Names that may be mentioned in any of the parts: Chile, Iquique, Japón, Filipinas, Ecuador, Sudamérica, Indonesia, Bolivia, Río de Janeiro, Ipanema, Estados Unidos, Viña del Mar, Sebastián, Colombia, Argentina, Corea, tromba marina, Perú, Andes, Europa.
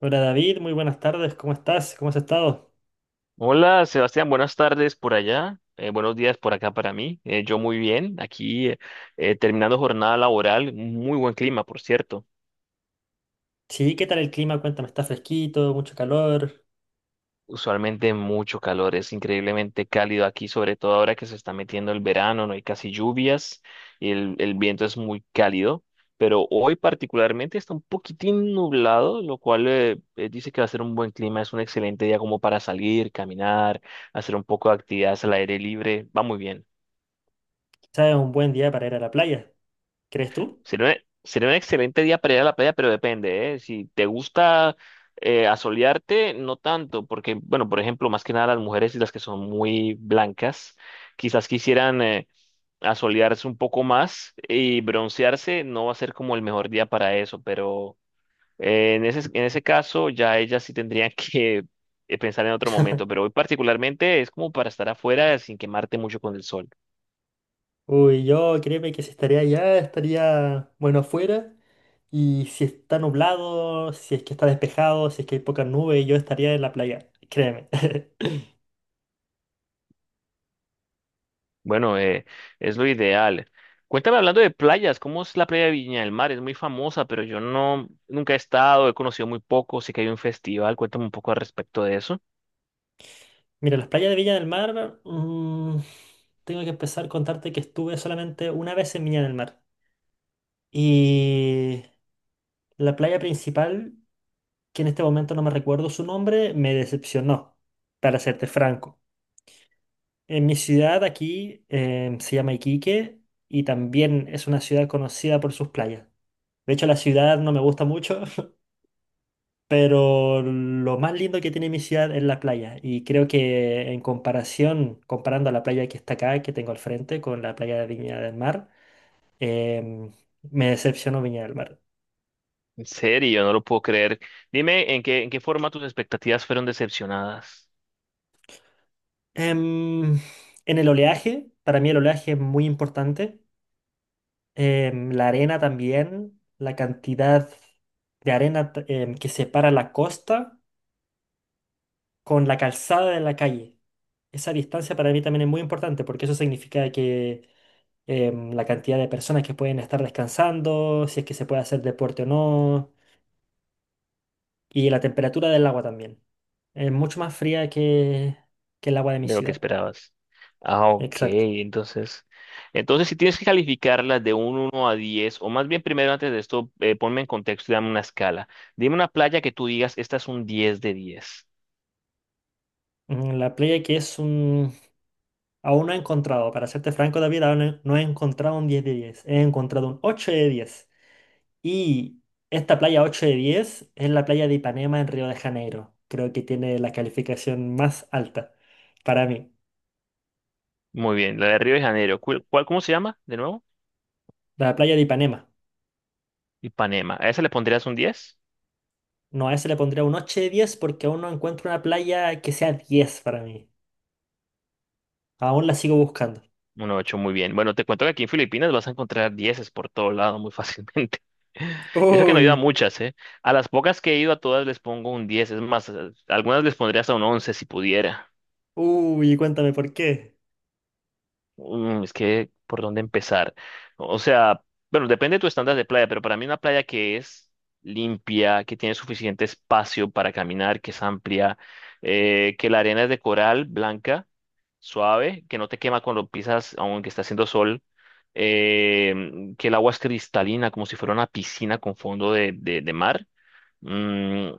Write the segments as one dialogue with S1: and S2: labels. S1: Hola David, muy buenas tardes, ¿cómo estás? ¿Cómo has estado?
S2: Hola, Sebastián, buenas tardes por allá, buenos días por acá para mí. Yo muy bien, aquí terminando jornada laboral, muy buen clima, por cierto.
S1: Sí, ¿qué tal el clima? Cuéntame, ¿está fresquito, mucho calor?
S2: Usualmente mucho calor, es increíblemente cálido aquí, sobre todo ahora que se está metiendo el verano, no hay casi lluvias y el viento es muy cálido, pero hoy particularmente está un poquitín nublado, lo cual dice que va a ser un buen clima, es un excelente día como para salir, caminar, hacer un poco de actividades al aire libre, va muy bien.
S1: ¿Sabes? Un buen día para ir a la playa, ¿crees tú?
S2: Sería un, sería un excelente día para ir a la playa, pero depende, ¿eh? Si te gusta asolearte, no tanto, porque, bueno, por ejemplo, más que nada las mujeres y las que son muy blancas, quizás quisieran asolearse un poco más y broncearse, no va a ser como el mejor día para eso, pero en en ese caso ya ellas sí tendrían que pensar en otro momento, pero hoy particularmente es como para estar afuera sin quemarte mucho con el sol.
S1: Uy, yo créeme que si estaría allá, estaría, bueno, afuera. Y si está nublado, si es que está despejado, si es que hay pocas nubes, yo estaría en la playa, créeme.
S2: Bueno, es lo ideal. Cuéntame, hablando de playas, ¿cómo es la playa de Viña del Mar? Es muy famosa, pero yo no, nunca he estado, he conocido muy poco, sé que hay un festival, cuéntame un poco al respecto de eso.
S1: Mira, las playas de Viña del Mar, tengo que empezar a contarte que estuve solamente una vez en Viña del Mar. Y la playa principal que en este momento no me recuerdo su nombre, me decepcionó, para serte franco. En mi ciudad aquí se llama Iquique y también es una ciudad conocida por sus playas. De hecho, la ciudad no me gusta mucho, pero lo más lindo que tiene mi ciudad es la playa. Y creo que en comparación, comparando a la playa que está acá, que tengo al frente, con la playa de Viña del Mar, em, me decepcionó Viña del Mar.
S2: En serio, no lo puedo creer. Dime en en qué forma tus expectativas fueron decepcionadas
S1: Em, en el oleaje, para mí el oleaje es muy importante. La arena también, la cantidad de arena que separa la costa con la calzada de la calle. Esa distancia para mí también es muy importante porque eso significa que la cantidad de personas que pueden estar descansando, si es que se puede hacer deporte o no, y la temperatura del agua también. Es mucho más fría que el agua de mi
S2: de lo que
S1: ciudad.
S2: esperabas. Ah, ok,
S1: Exacto.
S2: entonces si tienes que calificarlas de un 1 a 10, o más bien primero antes de esto, ponme en contexto y dame una escala. Dime una playa que tú digas, esta es un 10 de 10.
S1: Mm, La playa que es un, Aún no he encontrado, para serte franco, David, aún no he encontrado un 10 de 10. He encontrado un 8 de 10. Y esta playa 8 de 10 es la playa de Ipanema en Río de Janeiro. Creo que tiene la calificación más alta para mí.
S2: Muy bien, la de Río de Janeiro. Cómo se llama de nuevo?
S1: La playa de Ipanema.
S2: Ipanema. ¿A esa le pondrías un 10?
S1: No, a ese le pondría un 8 de 10 porque aún no encuentro una playa que sea 10 para mí. Aún la sigo buscando.
S2: Un 8, muy bien. Bueno, te cuento que aquí en Filipinas vas a encontrar dieces por todo lado muy fácilmente. Y eso que no he ido a
S1: Uy,
S2: muchas, ¿eh? A las pocas que he ido a todas les pongo un 10. Es más, algunas les pondría hasta un 11 si pudiera.
S1: uy, cuéntame por qué.
S2: Mm, es que, ¿por dónde empezar? O sea, bueno, depende de tu estándar de playa, pero para mí una playa que es limpia, que tiene suficiente espacio para caminar, que es amplia, que la arena es de coral blanca suave, que no te quema cuando pisas, aunque está haciendo sol, que el agua es cristalina, como si fuera una piscina con fondo de, de mar. Mm,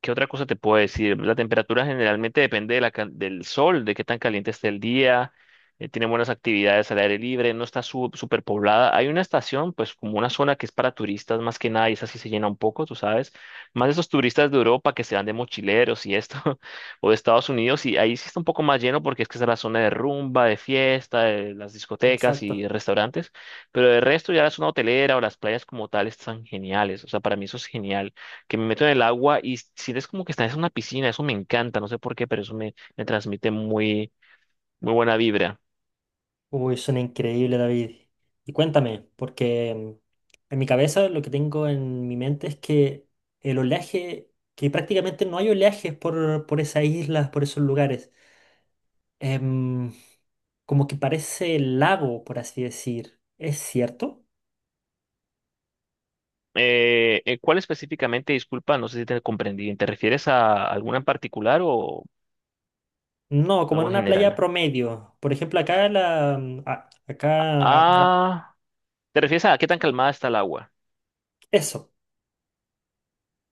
S2: ¿Qué otra cosa te puedo decir? La temperatura generalmente depende de la del sol, de qué tan caliente esté el día. Tiene buenas actividades al aire libre, no está súper poblada. Hay una estación, pues como una zona que es para turistas más que nada, y esa sí se llena un poco, tú sabes. Más esos turistas de Europa que se van de mochileros y esto, o de Estados Unidos, y ahí sí está un poco más lleno porque es que esa es la zona de rumba, de fiesta, de las discotecas y
S1: Exacto.
S2: restaurantes. Pero el resto ya la zona hotelera o las playas como tal están geniales. O sea, para mí eso es genial, que me meto en el agua y sientes como que estás en una piscina, eso me encanta, no sé por qué, pero eso me, me transmite muy, muy buena vibra.
S1: Uy, suena increíble, David. Y cuéntame, porque en mi cabeza lo que tengo en mi mente es que el oleaje, que prácticamente no hay oleajes por esas islas, por esos lugares. Em, como que parece lago, por así decir. ¿Es cierto?
S2: ¿Cuál específicamente? Disculpa, no sé si te comprendí bien. ¿Te refieres a alguna en particular o
S1: No, como en
S2: algo en
S1: una playa
S2: general?
S1: promedio. Por ejemplo, acá la... mm, a- acá... a-
S2: Ah, ¿te refieres a qué tan calmada está el agua?
S1: eso,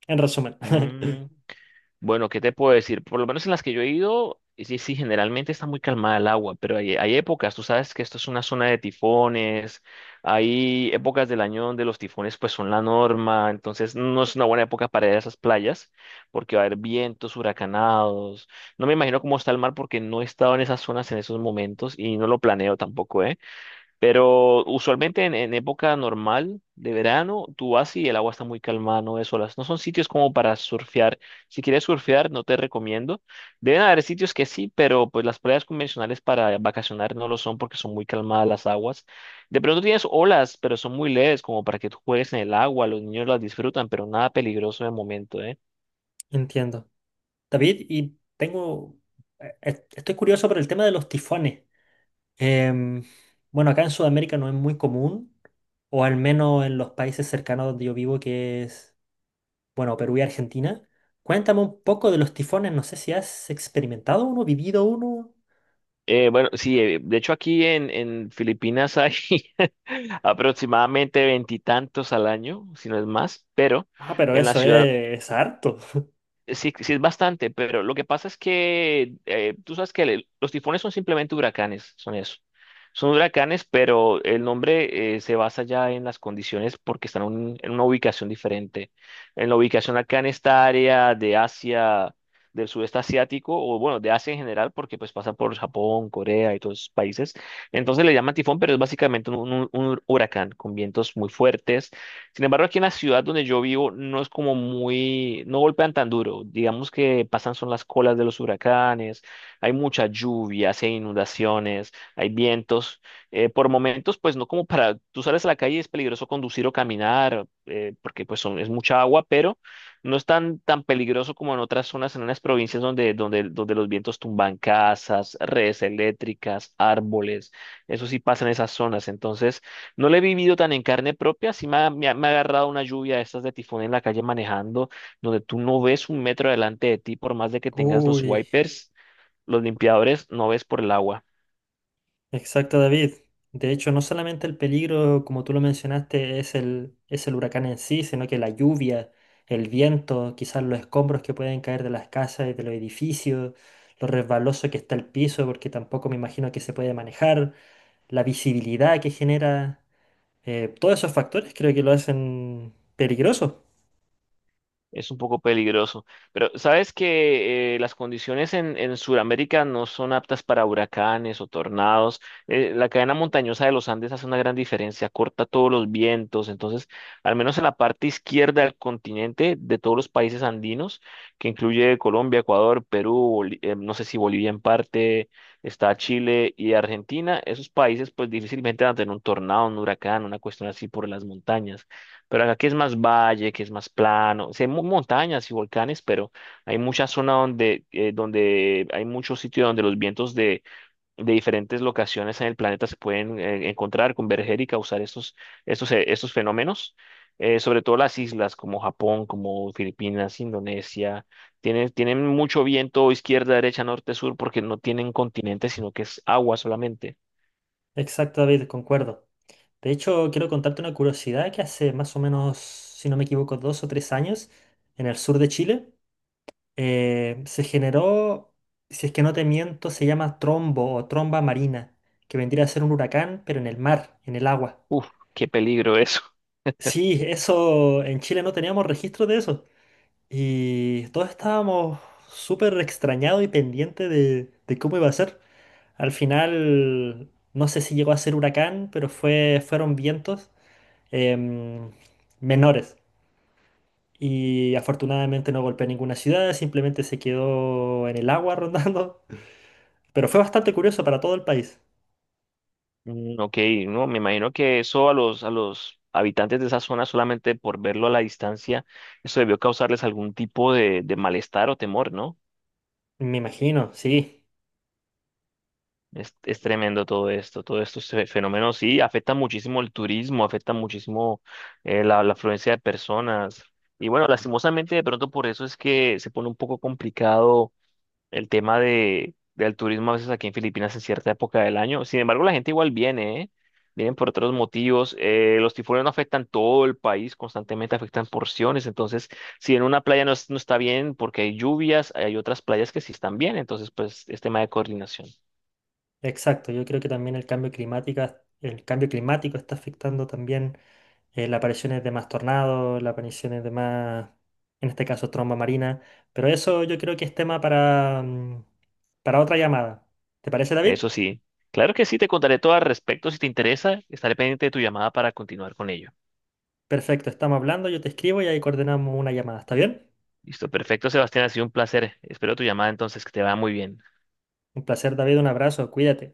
S1: en resumen.
S2: Mm, Bueno, ¿qué te puedo decir? Por lo menos en las que yo he ido, sí, sí, generalmente está muy calmada el agua, pero hay épocas, tú sabes que esto es una zona de tifones, hay épocas del año donde los tifones pues son la norma, entonces no es una buena época para ir a esas playas porque va a haber vientos huracanados. No me imagino cómo está el mar porque no he estado en esas zonas en esos momentos y no lo planeo tampoco, ¿eh? Pero usualmente en época normal de verano, tú vas y el agua está muy calmada, no ves olas. No son sitios como para surfear. Si quieres surfear, no te recomiendo. Deben haber sitios que sí, pero pues las playas convencionales para vacacionar no lo son porque son muy calmadas las aguas. De pronto tienes olas, pero son muy leves como para que tú juegues en el agua. Los niños las disfrutan, pero nada peligroso de momento, ¿eh?
S1: Entiendo. David, estoy curioso por el tema de los tifones. Em, bueno, acá en Sudamérica no es muy común, o al menos en los países cercanos donde yo vivo, que es, bueno, Perú y Argentina. Cuéntame un poco de los tifones, no sé si has experimentado uno, vivido uno.
S2: Bueno, sí, de hecho aquí en Filipinas hay aproximadamente veintitantos al año, si no es más, pero
S1: Ah, pero
S2: en la
S1: eso
S2: ciudad
S1: es harto.
S2: sí, sí es bastante, pero lo que pasa es que tú sabes que los tifones son simplemente huracanes, son eso. Son huracanes, pero el nombre se basa ya en las condiciones porque están en una ubicación diferente. En la ubicación acá en esta área de Asia, del sudeste asiático, o bueno, de Asia en general, porque pues pasa por Japón, Corea y todos esos países. Entonces le llaman tifón, pero es básicamente un, un huracán con vientos muy fuertes. Sin embargo, aquí en la ciudad donde yo vivo no es como muy, no golpean tan duro. Digamos que pasan son las colas de los huracanes, hay mucha lluvia, hay inundaciones, hay vientos. Por momentos, pues no como para, tú sales a la calle y es peligroso conducir o caminar, porque pues es mucha agua, pero no es tan, tan peligroso como en otras zonas, en unas provincias donde, donde los vientos tumban casas, redes eléctricas, árboles. Eso sí pasa en esas zonas. Entonces, no lo he vivido tan en carne propia, sí me ha, me ha agarrado una lluvia de estas de tifón en la calle manejando, donde tú no ves un metro delante de ti, por más de que tengas los
S1: Uy.
S2: wipers, los limpiadores, no ves por el agua.
S1: Exacto, David. De hecho, no solamente el peligro, como tú lo mencionaste, es el huracán en sí, sino que la lluvia, el viento, quizás los escombros que pueden caer de las casas y de los edificios, lo resbaloso que está el piso, porque tampoco me imagino que se puede manejar, la visibilidad que genera, todos esos factores creo que lo hacen peligroso.
S2: Es un poco peligroso, pero sabes que las condiciones en Sudamérica no son aptas para huracanes o tornados. La cadena montañosa de los Andes hace una gran diferencia, corta todos los vientos. Entonces, al menos en la parte izquierda del continente de todos los países andinos, que incluye Colombia, Ecuador, Perú, no sé si Bolivia en parte, está Chile y Argentina, esos países pues difícilmente van a tener un tornado, un huracán, una cuestión así por las montañas. Pero acá que es más valle, que es más plano, sí hay montañas y volcanes, pero hay mucha zona donde, donde hay muchos sitios donde los vientos de diferentes locaciones en el planeta se pueden encontrar, converger y causar estos, estos fenómenos. Sobre todo las islas como Japón, como Filipinas, Indonesia, tienen, tienen mucho viento izquierda, derecha, norte, sur, porque no tienen continente, sino que es agua solamente.
S1: Exacto, David, concuerdo. De hecho, quiero contarte una curiosidad que hace más o menos, si no me equivoco, 2 o 3 años, en el sur de Chile, se generó, si es que no te miento, se llama trombo o tromba marina, que vendría a ser un huracán, pero en el mar, en el agua.
S2: Uf, qué peligro eso.
S1: Sí, eso en Chile no teníamos registro de eso. Y todos estábamos súper extrañados y pendientes de cómo iba a ser. Al final, no sé si llegó a ser huracán, pero fueron vientos em, menores. Y afortunadamente no golpeó ninguna ciudad, simplemente se quedó en el agua rondando. Pero fue bastante curioso para todo el país.
S2: Ok, no, me imagino que eso a los habitantes de esa zona, solamente por verlo a la distancia, eso debió causarles algún tipo de malestar o temor, ¿no?
S1: Me imagino, sí,
S2: Es tremendo todo esto, todos estos fenómenos, sí, afecta muchísimo el turismo, afecta muchísimo la, la afluencia de personas. Y bueno, lastimosamente de pronto por eso es que se pone un poco complicado el tema de, del turismo a veces aquí en Filipinas en cierta época del año. Sin embargo, la gente igual viene, ¿eh? Vienen por otros motivos. Los tifones no afectan todo el país, constantemente afectan porciones. Entonces, si en una playa no, no está bien porque hay lluvias, hay otras playas que sí están bien. Entonces, pues es tema de coordinación.
S1: exacto. Yo creo que también el cambio climático está afectando también, las apariciones de más tornados, las apariciones de más, en este caso, tromba marina. Pero eso yo creo que es tema para otra llamada. ¿Te parece, David?
S2: Eso sí. Claro que sí, te contaré todo al respecto. Si te interesa, estaré pendiente de tu llamada para continuar con ello.
S1: Perfecto, estamos hablando, yo te escribo y ahí coordinamos una llamada. ¿Está bien?
S2: Listo, perfecto, Sebastián, ha sido un placer. Espero tu llamada entonces, que te vaya muy bien.
S1: Un placer, David, un abrazo, cuídate.